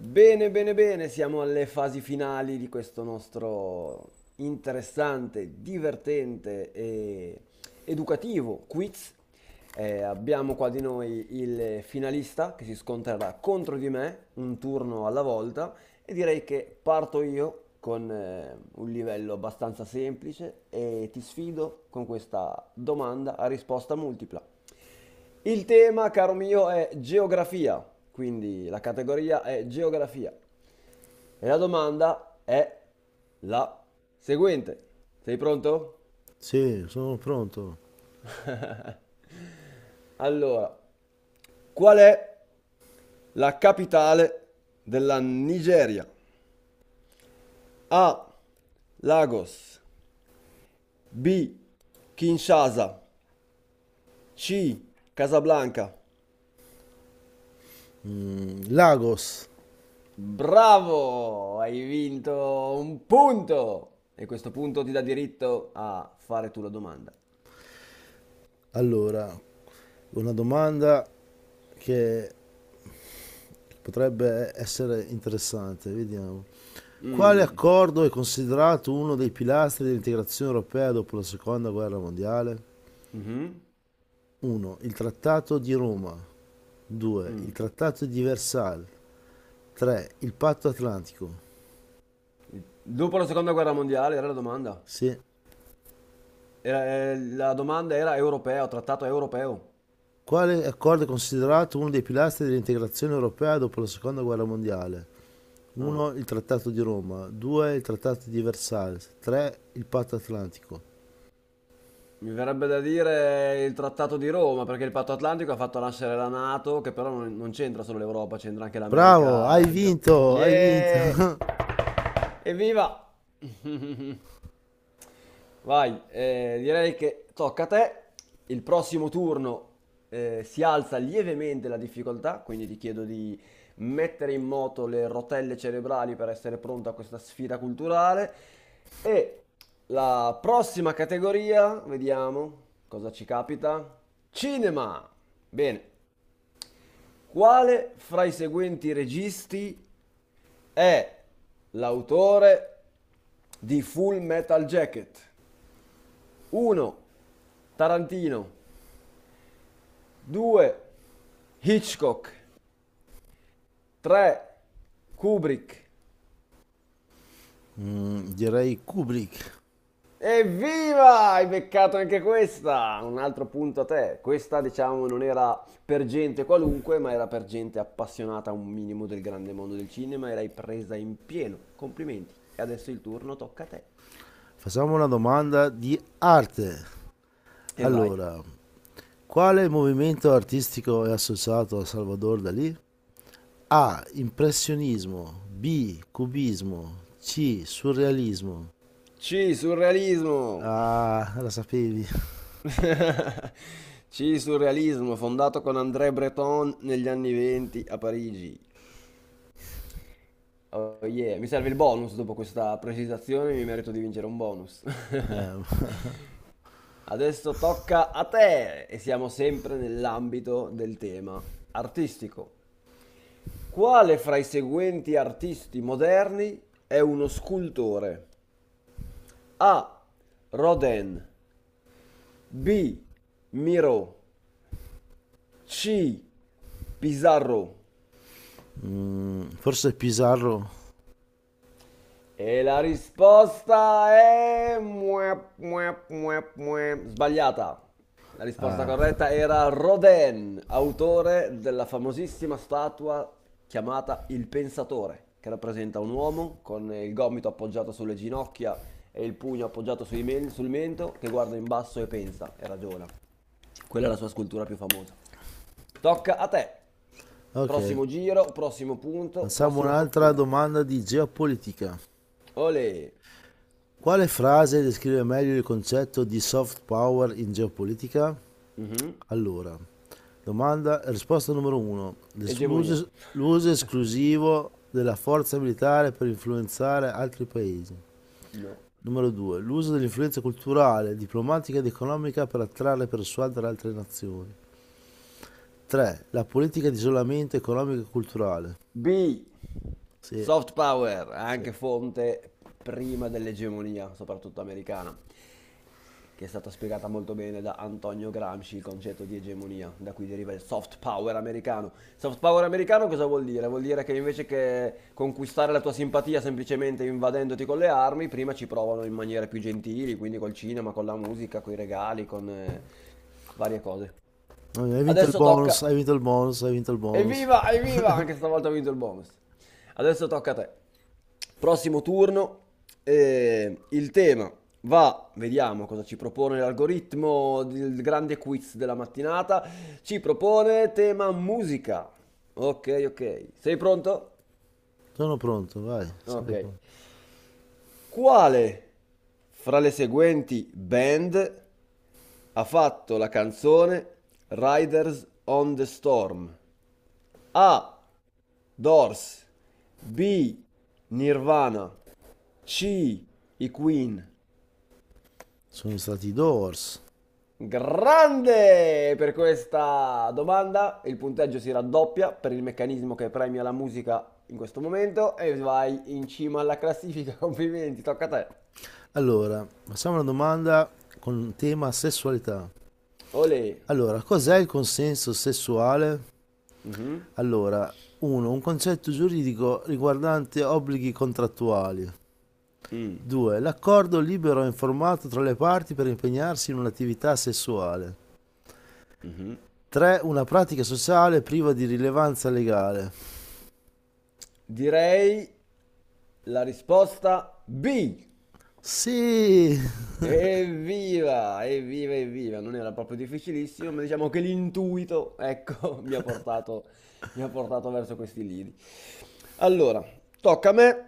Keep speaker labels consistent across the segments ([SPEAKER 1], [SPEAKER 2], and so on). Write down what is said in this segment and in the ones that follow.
[SPEAKER 1] Bene, bene, bene, siamo alle fasi finali di questo nostro interessante, divertente e educativo quiz. Abbiamo qua di noi il finalista che si scontrerà contro di me, un turno alla volta. E direi che parto io con un livello abbastanza semplice e ti sfido con questa domanda a risposta multipla. Il tema, caro mio, è geografia, quindi la categoria è geografia. E la domanda è la seguente. Sei pronto?
[SPEAKER 2] Sì, sono pronto.
[SPEAKER 1] Allora, qual è la capitale della Nigeria? A. Lagos. B. Kinshasa. C. Casablanca.
[SPEAKER 2] Lagos.
[SPEAKER 1] Bravo! Hai vinto un punto! E questo punto ti dà diritto a fare tu la domanda.
[SPEAKER 2] Allora, una domanda che potrebbe essere interessante, vediamo. Quale
[SPEAKER 1] Mm.
[SPEAKER 2] accordo è considerato uno dei pilastri dell'integrazione europea dopo la Seconda Guerra Mondiale?
[SPEAKER 1] Mhm,
[SPEAKER 2] 1. Il Trattato di Roma. 2. Il
[SPEAKER 1] mm.
[SPEAKER 2] Trattato di Versailles. 3. Il Patto Atlantico.
[SPEAKER 1] Dopo la seconda guerra mondiale era la domanda.
[SPEAKER 2] Sì.
[SPEAKER 1] Era- la domanda era europeo, trattato europeo.
[SPEAKER 2] Quale accordo è considerato uno dei pilastri dell'integrazione europea dopo la Seconda Guerra Mondiale?
[SPEAKER 1] Ah.
[SPEAKER 2] 1. Il Trattato di Roma. 2. Il Trattato di Versailles. 3. Il Patto Atlantico.
[SPEAKER 1] Mi verrebbe da dire il Trattato di Roma, perché il Patto Atlantico ha fatto nascere la NATO, che però non c'entra solo l'Europa, c'entra anche
[SPEAKER 2] Bravo, hai
[SPEAKER 1] l'America.
[SPEAKER 2] vinto, hai vinto.
[SPEAKER 1] Yeah! Evviva! Vai, direi che tocca a te. Il prossimo turno si alza lievemente la difficoltà, quindi ti chiedo di mettere in moto le rotelle cerebrali per essere pronto a questa sfida culturale. E la prossima categoria, vediamo cosa ci capita. Cinema. Bene, quale fra i seguenti registi è l'autore di Full Metal Jacket? 1. Tarantino. 2. Hitchcock. 3. Kubrick.
[SPEAKER 2] Direi Kubrick.
[SPEAKER 1] Evviva! Hai beccato anche questa! Un altro punto a te. Questa, diciamo, non era per gente qualunque, ma era per gente appassionata un minimo del grande mondo del cinema e l'hai presa in pieno. Complimenti. E adesso il turno tocca a te.
[SPEAKER 2] Facciamo una domanda di arte.
[SPEAKER 1] E vai.
[SPEAKER 2] Allora, quale movimento artistico è associato a Salvador Dalì? A. Impressionismo. B. Cubismo. C. Surrealismo.
[SPEAKER 1] C, surrealismo.
[SPEAKER 2] Ah, la sapevi.
[SPEAKER 1] C. Surrealismo, fondato con André Breton negli anni 20 a Parigi. Oh yeah, mi serve il bonus dopo questa precisazione, mi merito di vincere un bonus.
[SPEAKER 2] Eh,
[SPEAKER 1] Adesso tocca a te e siamo sempre nell'ambito del tema artistico. Quale fra i seguenti artisti moderni è uno scultore? A. Rodin, B. Miro, C. Pizarro.
[SPEAKER 2] Forse Pizarro.
[SPEAKER 1] E la risposta è... muep, muep, muep, muep. Sbagliata. La risposta
[SPEAKER 2] Ah,
[SPEAKER 1] corretta era Rodin, autore della famosissima statua chiamata Il Pensatore, che rappresenta un uomo con il gomito appoggiato sulle ginocchia e il pugno appoggiato sul mento che guarda in basso e pensa e ragiona. Quella è la sua scultura più famosa. Tocca a te.
[SPEAKER 2] ok.
[SPEAKER 1] Prossimo giro, prossimo punto,
[SPEAKER 2] Facciamo
[SPEAKER 1] prossima
[SPEAKER 2] un'altra
[SPEAKER 1] fortuna.
[SPEAKER 2] domanda di geopolitica.
[SPEAKER 1] Olè.
[SPEAKER 2] Quale frase descrive meglio il concetto di soft power in geopolitica?
[SPEAKER 1] Mhm.
[SPEAKER 2] Allora, domanda, risposta numero 1.
[SPEAKER 1] Egemonia.
[SPEAKER 2] L'uso esclusivo della forza militare per influenzare altri paesi.
[SPEAKER 1] No.
[SPEAKER 2] Numero 2. L'uso dell'influenza culturale, diplomatica ed economica per attrarre e persuadere altre nazioni. 3. La politica di isolamento economico e culturale.
[SPEAKER 1] B.
[SPEAKER 2] Sì,
[SPEAKER 1] Soft power,
[SPEAKER 2] sì.
[SPEAKER 1] anche fonte prima dell'egemonia, soprattutto americana, che è stata spiegata molto bene da Antonio Gramsci, il concetto di egemonia, da cui deriva il soft power americano. Soft power americano cosa vuol dire? Vuol dire che invece che conquistare la tua simpatia semplicemente invadendoti con le armi, prima ci provano in maniere più gentili, quindi col cinema, con la musica, con i regali, con varie cose.
[SPEAKER 2] No, hai vinto il
[SPEAKER 1] Adesso
[SPEAKER 2] bonus,
[SPEAKER 1] tocca.
[SPEAKER 2] hai vinto il bonus, hai vinto il bonus.
[SPEAKER 1] Evviva, evviva! Anche stavolta ho vinto il bonus. Adesso tocca a te. Prossimo turno. Il tema va, vediamo cosa ci propone l'algoritmo del grande quiz della mattinata. Ci propone tema musica. Ok, ok. Sei pronto?
[SPEAKER 2] Sono pronto, vai,
[SPEAKER 1] Ok.
[SPEAKER 2] sempre pronto.
[SPEAKER 1] Quale fra le seguenti band ha fatto la canzone Riders on the Storm? A. Doors. B. Nirvana. C. I Queen.
[SPEAKER 2] Sono stati i Doors.
[SPEAKER 1] Grande! Per questa domanda il punteggio si raddoppia per il meccanismo che premia la musica in questo momento e vai in cima alla classifica. Complimenti, tocca a te.
[SPEAKER 2] Allora, facciamo una domanda con tema sessualità.
[SPEAKER 1] Olè.
[SPEAKER 2] Allora, cos'è il consenso sessuale?
[SPEAKER 1] Mhm.
[SPEAKER 2] Allora, 1. Un concetto giuridico riguardante obblighi contrattuali.
[SPEAKER 1] Mm,
[SPEAKER 2] 2. L'accordo libero e informato tra le parti per impegnarsi in un'attività sessuale.
[SPEAKER 1] mhm.
[SPEAKER 2] 3. Una pratica sociale priva di rilevanza legale.
[SPEAKER 1] Direi la risposta B.
[SPEAKER 2] Sì,
[SPEAKER 1] Evviva, evviva, evviva. Non era proprio difficilissimo, ma diciamo che l'intuito, ecco, mi ha portato verso questi lidi. Allora, tocca a me.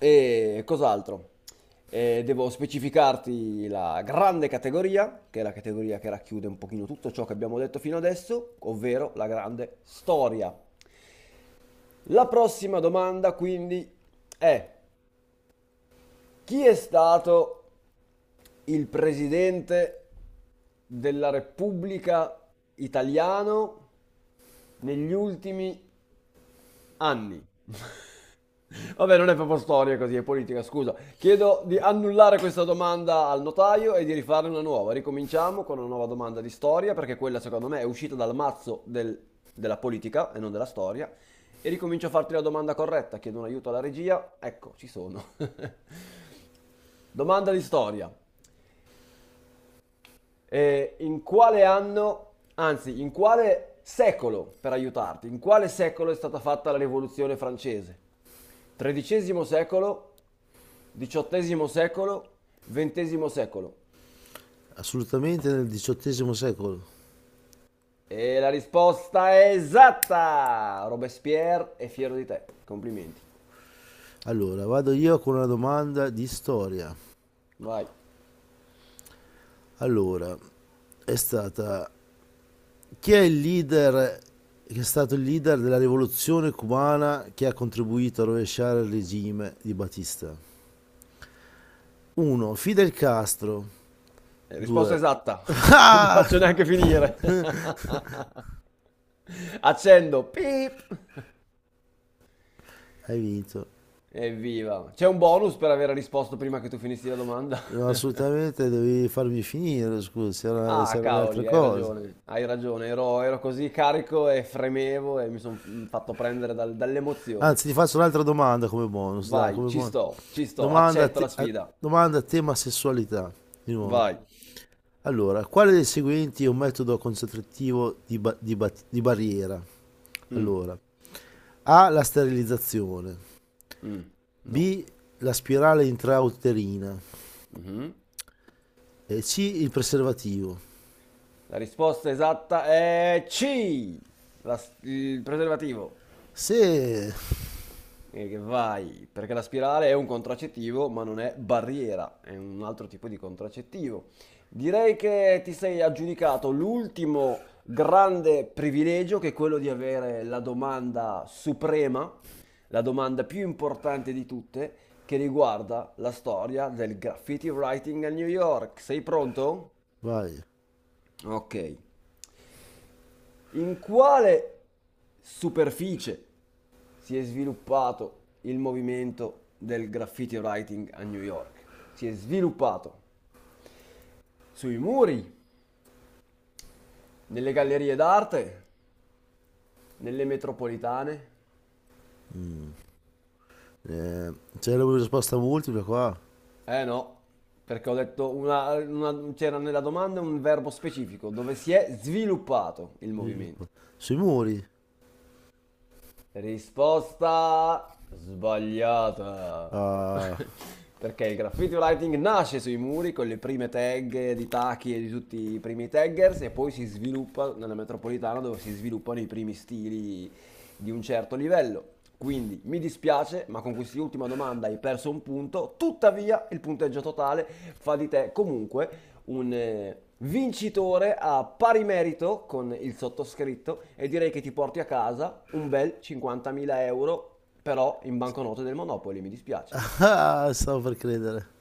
[SPEAKER 1] E cos'altro? Devo specificarti la grande categoria, che è la categoria che racchiude un pochino tutto ciò che abbiamo detto fino adesso, ovvero la grande storia. La prossima domanda quindi è chi è stato il presidente della Repubblica italiano negli ultimi anni? Vabbè, non è proprio storia così, è politica, scusa. Chiedo di annullare questa domanda al notaio e di rifarne una nuova. Ricominciamo con una nuova domanda di storia, perché quella secondo me è uscita dal mazzo della politica e non della storia. E ricomincio a farti la domanda corretta, chiedo un aiuto alla regia. Ecco, ci sono. Domanda di storia. In quale anno, anzi, in quale secolo, per aiutarti, in quale secolo è stata fatta la rivoluzione francese? XIII secolo, XVIII secolo, XX secolo.
[SPEAKER 2] assolutamente nel XVIII secolo.
[SPEAKER 1] E la risposta è esatta! Robespierre è fiero di te. Complimenti.
[SPEAKER 2] Allora, vado io con una domanda di storia.
[SPEAKER 1] Vai.
[SPEAKER 2] Allora, è stata chi è il leader che è stato il leader della rivoluzione cubana che ha contribuito a rovesciare il regime di Batista? 1. Fidel Castro.
[SPEAKER 1] Risposta
[SPEAKER 2] 2.
[SPEAKER 1] esatta. Non ti
[SPEAKER 2] Ah!
[SPEAKER 1] faccio neanche finire. Accendo. Pip.
[SPEAKER 2] Hai vinto.
[SPEAKER 1] Evviva. C'è un bonus per aver risposto prima che tu finissi la domanda.
[SPEAKER 2] No, assolutamente devi farmi finire, scusa, c'erano
[SPEAKER 1] Ah,
[SPEAKER 2] c'erano le altre
[SPEAKER 1] cavoli,
[SPEAKER 2] cose.
[SPEAKER 1] hai ragione, ero così carico e fremevo e mi sono fatto prendere dall'emozione.
[SPEAKER 2] Anzi, ti faccio un'altra domanda come bonus, dai,
[SPEAKER 1] Vai,
[SPEAKER 2] come bonus.
[SPEAKER 1] ci sto,
[SPEAKER 2] Domanda,
[SPEAKER 1] accetto la sfida.
[SPEAKER 2] domanda a tema sessualità, di nuovo.
[SPEAKER 1] Vai.
[SPEAKER 2] Allora, quale dei seguenti è un metodo concentrativo di barriera?
[SPEAKER 1] Mm,
[SPEAKER 2] Allora, A. La sterilizzazione.
[SPEAKER 1] mm, no.
[SPEAKER 2] B. La spirale intrauterina.
[SPEAKER 1] Mhm.
[SPEAKER 2] E C. Il preservativo.
[SPEAKER 1] La risposta esatta è C, il preservativo.
[SPEAKER 2] Se...
[SPEAKER 1] E che vai, perché la spirale è un contraccettivo, ma non è barriera, è un altro tipo di contraccettivo. Direi che ti sei aggiudicato l'ultimo grande privilegio, che è quello di avere la domanda suprema, la domanda più importante di tutte, che riguarda la storia del graffiti writing a New York. Sei pronto?
[SPEAKER 2] Vai.
[SPEAKER 1] Ok. In quale superficie si è sviluppato il movimento del graffiti writing a New York? Si è sviluppato sui muri, nelle gallerie d'arte, nelle metropolitane?
[SPEAKER 2] Mm. C'è la risposta multipla qua.
[SPEAKER 1] Eh no, perché ho detto una, c'era nella domanda un verbo specifico dove si è sviluppato il movimento.
[SPEAKER 2] Sui muri.
[SPEAKER 1] Risposta sbagliata.
[SPEAKER 2] Ah,
[SPEAKER 1] Perché il graffiti writing nasce sui muri con le prime tag di Taki e di tutti i primi taggers e poi si sviluppa nella metropolitana dove si sviluppano i primi stili di un certo livello. Quindi mi dispiace, ma con quest'ultima domanda hai perso un punto. Tuttavia, il punteggio totale fa di te comunque un vincitore a pari merito con il sottoscritto e direi che ti porti a casa un bel 50.000 euro però in banconote del Monopoli, mi dispiace.
[SPEAKER 2] stavo per credere.